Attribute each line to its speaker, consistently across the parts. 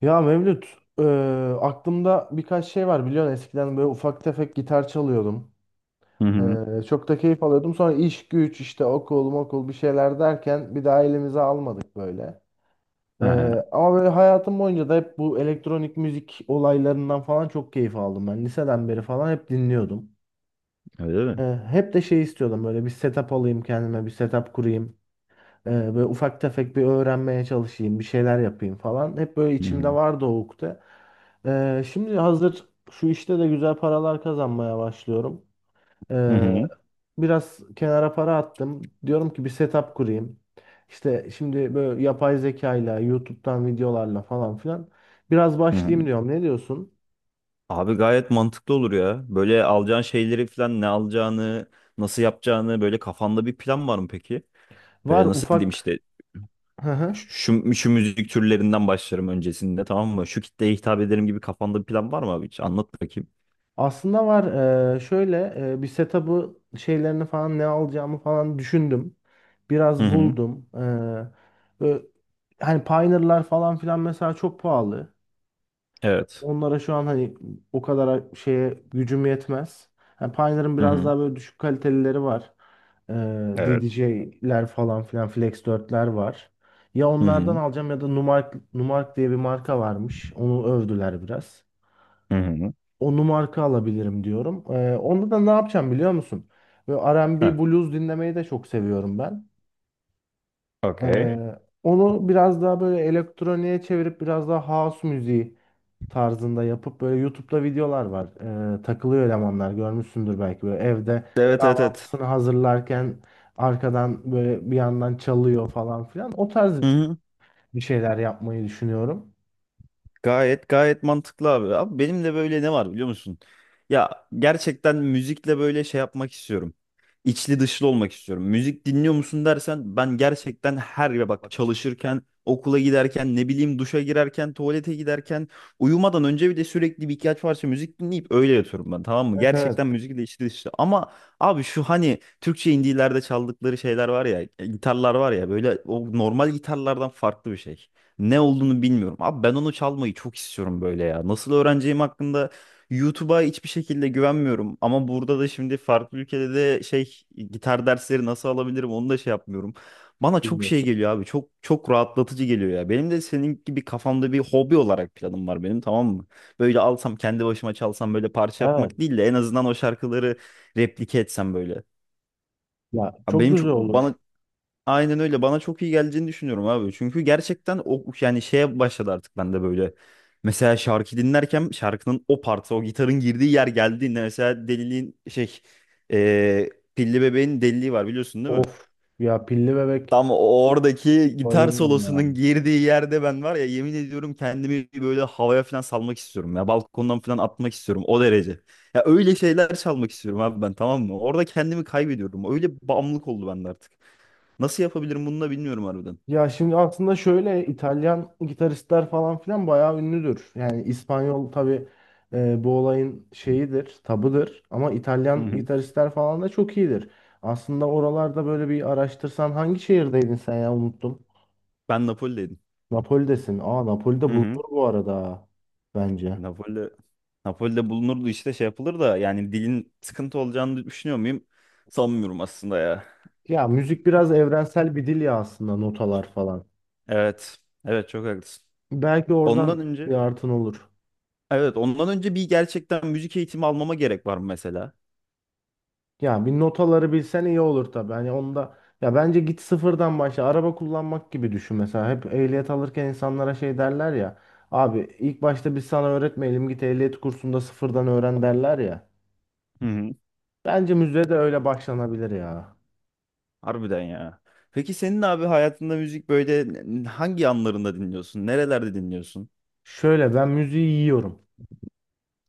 Speaker 1: Ya Mevlüt, e, aklımda birkaç şey var biliyorsun, eskiden böyle ufak tefek gitar çalıyordum.
Speaker 2: Hı hı.
Speaker 1: Çok da keyif alıyordum. Sonra iş güç, işte okul bir şeyler derken bir daha elimize almadık böyle. E,
Speaker 2: Aha,
Speaker 1: Ama böyle hayatım boyunca da hep bu elektronik müzik olaylarından falan çok keyif aldım ben. Liseden beri falan hep dinliyordum.
Speaker 2: öyle
Speaker 1: E,
Speaker 2: mi?
Speaker 1: Hep de şey istiyordum, böyle bir setup alayım kendime, bir setup kurayım. Böyle ufak tefek bir öğrenmeye çalışayım, bir şeyler yapayım falan. Hep böyle
Speaker 2: Hı hı.
Speaker 1: içimde vardı o ukde. Şimdi hazır şu işte de güzel paralar kazanmaya başlıyorum.
Speaker 2: Hı
Speaker 1: Ee,
Speaker 2: hı.
Speaker 1: Biraz kenara para attım. Diyorum ki bir setup kurayım. İşte şimdi böyle yapay zekayla, YouTube'dan videolarla falan filan biraz
Speaker 2: Hı hı.
Speaker 1: başlayayım diyorum. Ne diyorsun?
Speaker 2: Abi gayet mantıklı olur ya. Böyle alacağın şeyleri falan ne alacağını, nasıl yapacağını böyle kafanda bir plan var mı peki? Böyle
Speaker 1: Var
Speaker 2: nasıl diyeyim
Speaker 1: ufak.
Speaker 2: işte şu müzik türlerinden başlarım öncesinde tamam mı? Şu kitleye hitap ederim gibi kafanda bir plan var mı abi hiç? Anlat bakayım.
Speaker 1: Aslında var, şöyle, bir setup'ı, şeylerini falan ne alacağımı falan düşündüm.
Speaker 2: Hı
Speaker 1: Biraz
Speaker 2: hı.
Speaker 1: buldum. Ö- hani Pioneer'lar falan filan mesela çok pahalı.
Speaker 2: Evet.
Speaker 1: Onlara şu an, hani, o kadar şeye gücüm yetmez. Yani Pioneer'ın
Speaker 2: Hı
Speaker 1: biraz
Speaker 2: hı.
Speaker 1: daha böyle düşük kalitelileri var. Eee
Speaker 2: Evet.
Speaker 1: DDJ'ler falan filan, Flex 4'ler var. Ya
Speaker 2: Hı
Speaker 1: onlardan
Speaker 2: hı.
Speaker 1: alacağım ya da Numark, Numark diye bir marka varmış. Onu övdüler biraz,
Speaker 2: Hı hı.
Speaker 1: onu marka alabilirim diyorum. Onda da ne yapacağım biliyor musun? Böyle R&B
Speaker 2: Ha.
Speaker 1: blues dinlemeyi de çok seviyorum ben.
Speaker 2: Okey.
Speaker 1: Onu biraz daha böyle elektroniğe çevirip biraz daha house müziği tarzında yapıp, böyle YouTube'da videolar var. Takılıyor elemanlar, görmüşsündür belki, böyle evde
Speaker 2: Evet evet evet.
Speaker 1: kahvaltısını hazırlarken arkadan böyle bir yandan çalıyor falan filan. O
Speaker 2: Hı
Speaker 1: tarz
Speaker 2: hı.
Speaker 1: bir şeyler yapmayı düşünüyorum.
Speaker 2: Gayet gayet mantıklı abi. Abi benim de böyle ne var biliyor musun? Ya gerçekten müzikle böyle şey yapmak istiyorum. İçli dışlı olmak istiyorum. Müzik dinliyor musun dersen ben gerçekten her ya bak
Speaker 1: Bak.
Speaker 2: çalışırken, okula giderken, ne bileyim duşa girerken, tuvalete giderken, uyumadan önce bile sürekli bir ihtiyaç varsa müzik dinleyip öyle yatıyorum ben tamam mı?
Speaker 1: Evet, evet.
Speaker 2: Gerçekten müzikle içli dışlı. Ama abi şu hani Türkçe indilerde çaldıkları şeyler var ya, gitarlar var ya böyle o normal gitarlardan farklı bir şey. Ne olduğunu bilmiyorum. Abi ben onu çalmayı çok istiyorum böyle ya. Nasıl öğreneceğim hakkında YouTube'a hiçbir şekilde güvenmiyorum. Ama burada da şimdi farklı ülkede de şey gitar dersleri nasıl alabilirim onu da şey yapmıyorum. Bana çok
Speaker 1: Bilmiyorum.
Speaker 2: şey
Speaker 1: Şey.
Speaker 2: geliyor abi. Çok çok rahatlatıcı geliyor ya. Benim de senin gibi kafamda bir hobi olarak planım var benim tamam mı? Böyle alsam kendi başıma çalsam böyle parça yapmak
Speaker 1: Evet.
Speaker 2: değil de en azından o şarkıları replike etsem böyle.
Speaker 1: Ya
Speaker 2: Abi
Speaker 1: çok
Speaker 2: benim
Speaker 1: güzel
Speaker 2: çok bana
Speaker 1: olur.
Speaker 2: aynen öyle. Bana çok iyi geleceğini düşünüyorum abi. Çünkü gerçekten o yani şeye başladı artık ben de böyle. Mesela şarkı dinlerken şarkının o partı, o gitarın girdiği yer geldiğinde mesela deliliğin şey eee, Pilli Bebeğin deliliği var biliyorsun değil mi?
Speaker 1: Of. Ya pilli bebek
Speaker 2: Tam oradaki gitar
Speaker 1: bayılırım ya.
Speaker 2: solosunun girdiği yerde ben var ya yemin ediyorum kendimi böyle havaya falan salmak istiyorum ya. Balkondan falan atmak istiyorum o derece. Ya öyle şeyler çalmak istiyorum abi ben tamam mı? Orada kendimi kaybediyorum. Öyle bağımlılık oldu bende artık. Nasıl yapabilirim bunu da bilmiyorum harbiden.
Speaker 1: Ya şimdi aslında şöyle, İtalyan gitaristler falan filan bayağı ünlüdür. Yani İspanyol tabii bu olayın şeyidir, tabıdır, ama
Speaker 2: Hı
Speaker 1: İtalyan
Speaker 2: hı.
Speaker 1: gitaristler falan da çok iyidir. Aslında oralarda böyle bir araştırsan. Hangi şehirdeydin sen ya, unuttum.
Speaker 2: Ben Napoli'deydim.
Speaker 1: Napoli'desin. Aa, Napoli'de
Speaker 2: Hı hı.
Speaker 1: bulunur bu arada bence.
Speaker 2: Napoli, Napoli'de bulunurdu işte şey yapılır da yani dilin sıkıntı olacağını düşünüyor muyum? Sanmıyorum aslında ya.
Speaker 1: Ya müzik biraz evrensel bir dil ya aslında, notalar falan.
Speaker 2: Evet. Evet çok haklısın.
Speaker 1: Belki
Speaker 2: Ondan
Speaker 1: oradan bir
Speaker 2: önce
Speaker 1: artın olur.
Speaker 2: evet ondan önce bir gerçekten müzik eğitimi almama gerek var mı mesela?
Speaker 1: Ya bir notaları bilsen iyi olur tabii. Hani onda, ya, bence git sıfırdan başla. Araba kullanmak gibi düşün mesela. Hep ehliyet alırken insanlara şey derler ya. Abi ilk başta biz sana öğretmeyelim, git ehliyet kursunda sıfırdan öğren, derler ya.
Speaker 2: Hı hı.
Speaker 1: Bence müziğe de öyle başlanabilir ya.
Speaker 2: Harbiden ya. Peki senin abi hayatında müzik böyle hangi anlarında dinliyorsun? Nerelerde dinliyorsun?
Speaker 1: Şöyle, ben müziği yiyorum.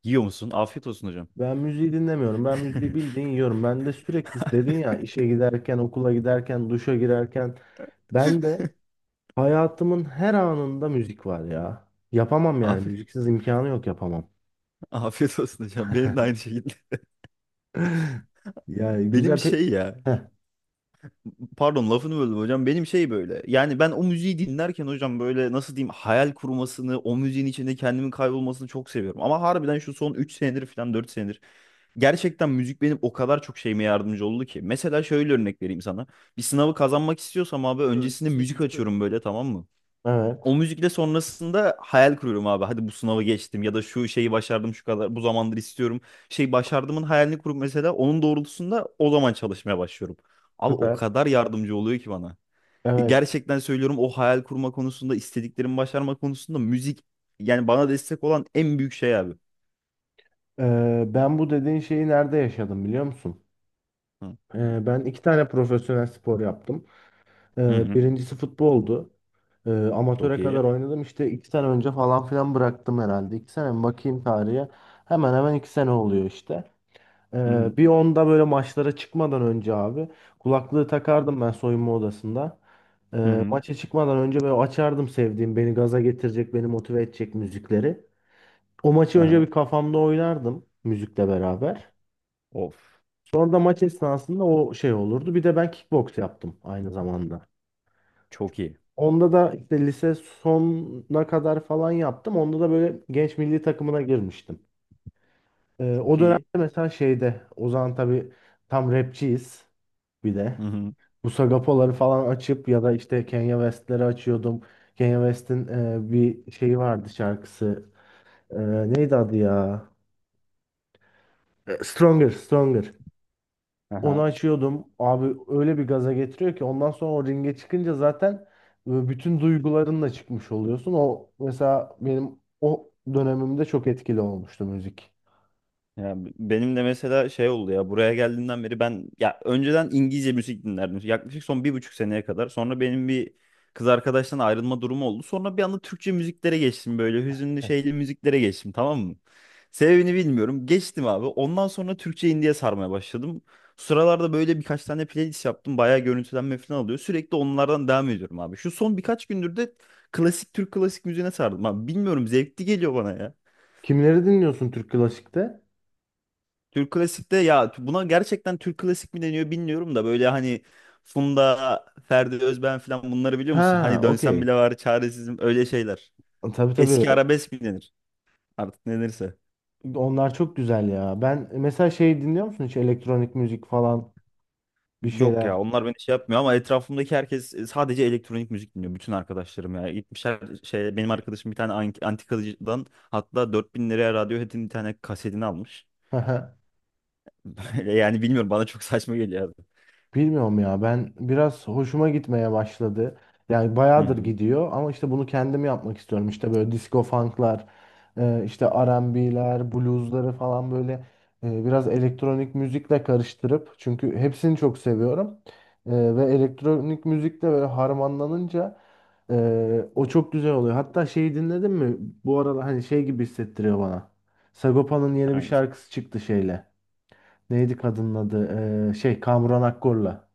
Speaker 2: Yiyor musun? Afiyet olsun hocam.
Speaker 1: Ben müziği dinlemiyorum. Ben müziği bildiğin yiyorum. Ben de sürekli, dedin ya, işe giderken, okula giderken, duşa girerken. Ben de hayatımın her anında müzik var ya. Yapamam yani.
Speaker 2: Af
Speaker 1: Müziksiz imkanı yok, yapamam.
Speaker 2: afiyet olsun hocam. Benim de aynı şekilde.
Speaker 1: Yani
Speaker 2: Benim
Speaker 1: güzel pe...
Speaker 2: şey ya.
Speaker 1: Heh,
Speaker 2: Pardon lafını böldüm hocam. Benim şey böyle. Yani ben o müziği dinlerken hocam böyle nasıl diyeyim hayal kurmasını, o müziğin içinde kendimin kaybolmasını çok seviyorum. Ama harbiden şu son 3 senedir falan 4 senedir gerçekten müzik benim o kadar çok şeyime yardımcı oldu ki. Mesela şöyle örnek vereyim sana. Bir sınavı kazanmak istiyorsam abi öncesinde müzik açıyorum böyle tamam mı?
Speaker 1: evet,
Speaker 2: O müzikle sonrasında hayal kuruyorum abi. Hadi bu sınavı geçtim ya da şu şeyi başardım şu kadar bu zamandır istiyorum. Şey başardımın hayalini kurup mesela onun doğrultusunda o zaman çalışmaya başlıyorum. Abi o
Speaker 1: süper.
Speaker 2: kadar yardımcı oluyor ki bana.
Speaker 1: Evet.
Speaker 2: Gerçekten söylüyorum o hayal kurma konusunda istediklerimi başarma konusunda müzik yani bana destek olan en büyük şey abi.
Speaker 1: Ben bu dediğin şeyi nerede yaşadım biliyor musun?
Speaker 2: Hı
Speaker 1: Ben iki tane profesyonel spor yaptım.
Speaker 2: hı. Hı.
Speaker 1: Birincisi futboldu.
Speaker 2: Çok
Speaker 1: Amatöre kadar
Speaker 2: iyi.
Speaker 1: oynadım. İşte iki sene önce falan filan bıraktım herhalde. İki sene mi? Bakayım tarihe. Hemen hemen iki sene oluyor işte.
Speaker 2: Hı hı.
Speaker 1: Bir onda böyle maçlara çıkmadan önce abi, kulaklığı takardım ben soyunma odasında.
Speaker 2: Hı hı.
Speaker 1: Maça çıkmadan önce böyle açardım sevdiğim, beni gaza getirecek, beni motive edecek müzikleri. O maçı önce
Speaker 2: Aha.
Speaker 1: bir kafamda oynardım müzikle beraber.
Speaker 2: Of.
Speaker 1: Sonra da maç esnasında o şey olurdu. Bir de ben kickbox yaptım aynı zamanda.
Speaker 2: Çok iyi.
Speaker 1: Onda da işte lise sonuna kadar falan yaptım. Onda da böyle genç milli takımına girmiştim. O
Speaker 2: Çok
Speaker 1: dönemde
Speaker 2: iyi.
Speaker 1: mesela, şeyde, o zaman tabii tam rapçiyiz bir
Speaker 2: Hı
Speaker 1: de.
Speaker 2: hı.
Speaker 1: Bu Sagapoları falan açıp ya da işte Kanye West'leri açıyordum. Kanye West'in bir şeyi vardı, şarkısı. E, Neydi adı ya? Stronger, Stronger. Onu
Speaker 2: Aha.
Speaker 1: açıyordum. Abi öyle bir gaza getiriyor ki ondan sonra o ringe çıkınca zaten bütün duygularınla çıkmış oluyorsun. O mesela benim o dönemimde çok etkili olmuştu müzik.
Speaker 2: Ya benim de mesela şey oldu ya buraya geldiğimden beri ben ya önceden İngilizce müzik dinlerdim. Yaklaşık son 1,5 seneye kadar. Sonra benim bir kız arkadaştan ayrılma durumu oldu. Sonra bir anda Türkçe müziklere geçtim böyle hüzünlü şeyli müziklere geçtim tamam mı? Sebebini bilmiyorum. Geçtim abi. Ondan sonra Türkçe indie'ye sarmaya başladım. Sıralarda böyle birkaç tane playlist yaptım. Bayağı görüntülenme falan alıyor. Sürekli onlardan devam ediyorum abi. Şu son birkaç gündür de klasik Türk klasik müziğine sardım abi. Bilmiyorum zevkli geliyor bana ya.
Speaker 1: Kimleri dinliyorsun Türk klasikte?
Speaker 2: Türk klasikte ya buna gerçekten Türk klasik mi deniyor bilmiyorum da böyle hani Funda, Ferdi Özben falan bunları biliyor musun?
Speaker 1: Ha,
Speaker 2: Hani dönsem
Speaker 1: okey.
Speaker 2: bile var çaresizim öyle şeyler.
Speaker 1: Tabii, tabii.
Speaker 2: Eski arabesk mi denir? Artık ne denirse.
Speaker 1: Onlar çok güzel ya. Ben mesela şey, dinliyor musun hiç elektronik müzik falan, bir
Speaker 2: Yok
Speaker 1: şeyler?
Speaker 2: ya onlar beni şey yapmıyor ama etrafımdaki herkes sadece elektronik müzik dinliyor. Bütün arkadaşlarım ya. Gitmişler şey benim arkadaşım bir tane antikacıdan hatta 4.000 liraya Radiohead'in bir tane kasetini almış. Böyle yani bilmiyorum bana çok saçma geliyor abi.
Speaker 1: Bilmiyorum ya, ben biraz hoşuma gitmeye başladı. Yani
Speaker 2: Hı
Speaker 1: bayağıdır
Speaker 2: hı.
Speaker 1: gidiyor, ama işte bunu kendim yapmak istiyorum. İşte böyle disco funk'lar, işte R&B'ler, blues'ları falan, böyle biraz elektronik müzikle karıştırıp, çünkü hepsini çok seviyorum. Ve elektronik müzikle böyle harmanlanınca o çok güzel oluyor. Hatta şeyi dinledin mi? Bu arada hani şey gibi hissettiriyor bana. Sagopa'nın yeni bir
Speaker 2: Hangisi?
Speaker 1: şarkısı çıktı şeyle. Neydi kadının adı? Şey Kamuran Akkor'la.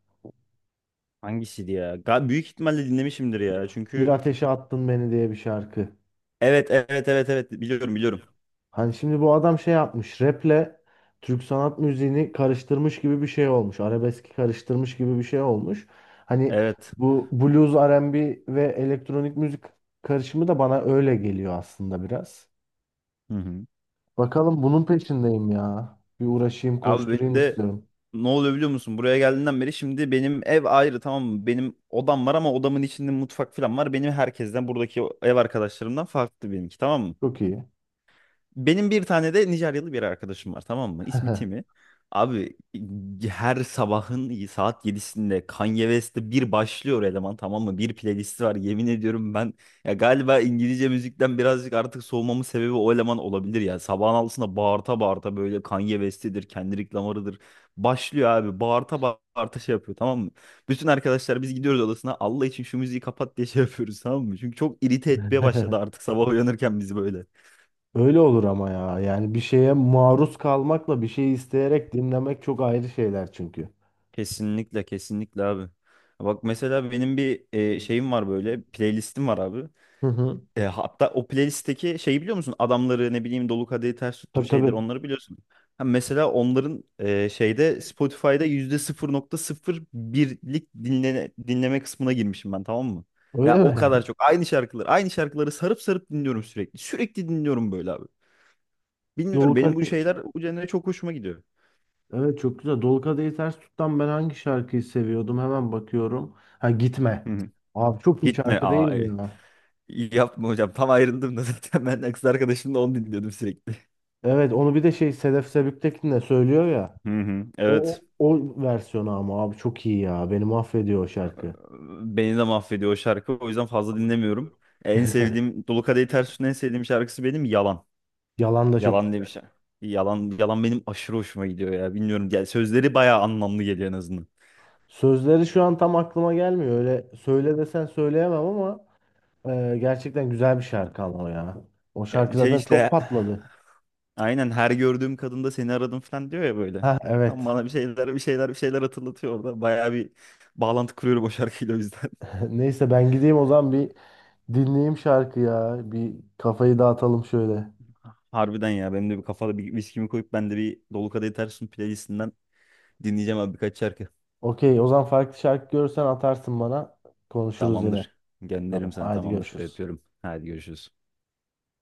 Speaker 2: Hangisiydi ya? Büyük ihtimalle dinlemişimdir ya.
Speaker 1: Bir
Speaker 2: Çünkü
Speaker 1: ateşe attın beni diye bir şarkı.
Speaker 2: evet evet evet evet biliyorum biliyorum.
Speaker 1: Hani şimdi bu adam şey yapmış. Rap'le Türk sanat müziğini karıştırmış gibi bir şey olmuş. Arabeski karıştırmış gibi bir şey olmuş. Hani
Speaker 2: Evet.
Speaker 1: bu blues, R&B ve B ve elektronik müzik karışımı da bana öyle geliyor aslında biraz.
Speaker 2: Hı hı.
Speaker 1: Bakalım, bunun peşindeyim ya. Bir uğraşayım,
Speaker 2: Abi benim
Speaker 1: koşturayım
Speaker 2: de
Speaker 1: istiyorum.
Speaker 2: ne oluyor biliyor musun? Buraya geldiğinden beri şimdi benim ev ayrı tamam mı? Benim odam var ama odamın içinde mutfak falan var. Benim herkesten buradaki ev arkadaşlarımdan farklı benimki tamam mı?
Speaker 1: Çok iyi.
Speaker 2: Benim bir tane de Nijeryalı bir arkadaşım var tamam mı? İsmi Timi. Abi her sabahın saat 7'sinde Kanye West'te bir başlıyor eleman tamam mı? Bir playlisti var yemin ediyorum ben ya galiba İngilizce müzikten birazcık artık soğumamın sebebi o eleman olabilir ya. Sabahın 6'sında bağırta bağırta böyle Kanye West'idir, Kendrick Lamar'ıdır. Başlıyor abi bağırta bağırta şey yapıyor tamam mı? Bütün arkadaşlar biz gidiyoruz odasına Allah için şu müziği kapat diye şey yapıyoruz tamam mı? Çünkü çok irite etmeye başladı artık sabah uyanırken bizi böyle.
Speaker 1: Öyle olur ama ya. Yani bir şeye maruz kalmakla bir şeyi isteyerek dinlemek çok ayrı şeyler çünkü.
Speaker 2: Kesinlikle kesinlikle abi. Bak mesela benim bir şeyim var böyle playlistim var abi.
Speaker 1: Hı hı.
Speaker 2: Hatta o playlistteki şeyi biliyor musun? Adamları ne bileyim Dolu Kadehi Ters Tuttur
Speaker 1: Tabii,
Speaker 2: şeyler
Speaker 1: tabii.
Speaker 2: onları biliyorsun. Ha, mesela onların şeyde Spotify'da %0,01'lik dinleme kısmına girmişim ben tamam mı?
Speaker 1: Öyle
Speaker 2: Ya o
Speaker 1: mi?
Speaker 2: kadar çok aynı şarkıları aynı şarkıları sarıp sarıp dinliyorum sürekli. Sürekli dinliyorum böyle abi.
Speaker 1: Dolu
Speaker 2: Bilmiyorum benim bu
Speaker 1: Kadehi,
Speaker 2: şeyler bu genre çok hoşuma gidiyor.
Speaker 1: evet, çok güzel. Dolu Kadehi Ters Tut'tan ben hangi şarkıyı seviyordum? Hemen bakıyorum. Ha, Gitme.
Speaker 2: Hı hı.
Speaker 1: Abi çok iyi
Speaker 2: Gitme
Speaker 1: şarkı değil
Speaker 2: aa.
Speaker 1: mi ya?
Speaker 2: İyi yapma hocam. Tam ayrıldım da zaten ben kız arkadaşımla onu dinliyordum sürekli.
Speaker 1: Evet, onu bir de şey Sedef Sebüktekin de söylüyor ya.
Speaker 2: Hı hı,
Speaker 1: O,
Speaker 2: evet.
Speaker 1: o, o versiyonu, ama abi çok iyi ya. Beni mahvediyor o şarkı.
Speaker 2: Beni de mahvediyor o şarkı. O yüzden fazla dinlemiyorum. En sevdiğim Dolu Kadehi Ters Tut'un en sevdiğim şarkısı benim Yalan.
Speaker 1: Yalan da çok
Speaker 2: Yalan diye
Speaker 1: güzel.
Speaker 2: bir şey. Yalan, yalan benim aşırı hoşuma gidiyor ya. Bilmiyorum. Yani sözleri bayağı anlamlı geliyor en azından.
Speaker 1: Sözleri şu an tam aklıma gelmiyor. Öyle söyle desen söyleyemem, ama gerçekten güzel bir şarkı ama o ya. O
Speaker 2: Ya
Speaker 1: şarkı
Speaker 2: şey
Speaker 1: zaten çok
Speaker 2: işte
Speaker 1: patladı.
Speaker 2: aynen her gördüğüm kadında seni aradım falan diyor ya böyle.
Speaker 1: Ha,
Speaker 2: Tam
Speaker 1: evet.
Speaker 2: bana bir şeyler bir şeyler bir şeyler hatırlatıyor orada. Bayağı bir bağlantı kuruyorum o şarkıyla o yüzden.
Speaker 1: Neyse, ben gideyim o zaman bir, dinleyeyim şarkı ya. Bir kafayı dağıtalım şöyle.
Speaker 2: Harbiden ya benim de bir kafada bir viskimi koyup ben de bir Dolu Kadehi Ters Tut playlistinden dinleyeceğim abi birkaç şarkı.
Speaker 1: Okey, o zaman farklı şarkı görürsen atarsın bana. Konuşuruz yine.
Speaker 2: Tamamdır. Gönderirim
Speaker 1: Tamam,
Speaker 2: sana
Speaker 1: hadi
Speaker 2: tamamdır.
Speaker 1: görüşürüz.
Speaker 2: Öpüyorum. Hadi görüşürüz.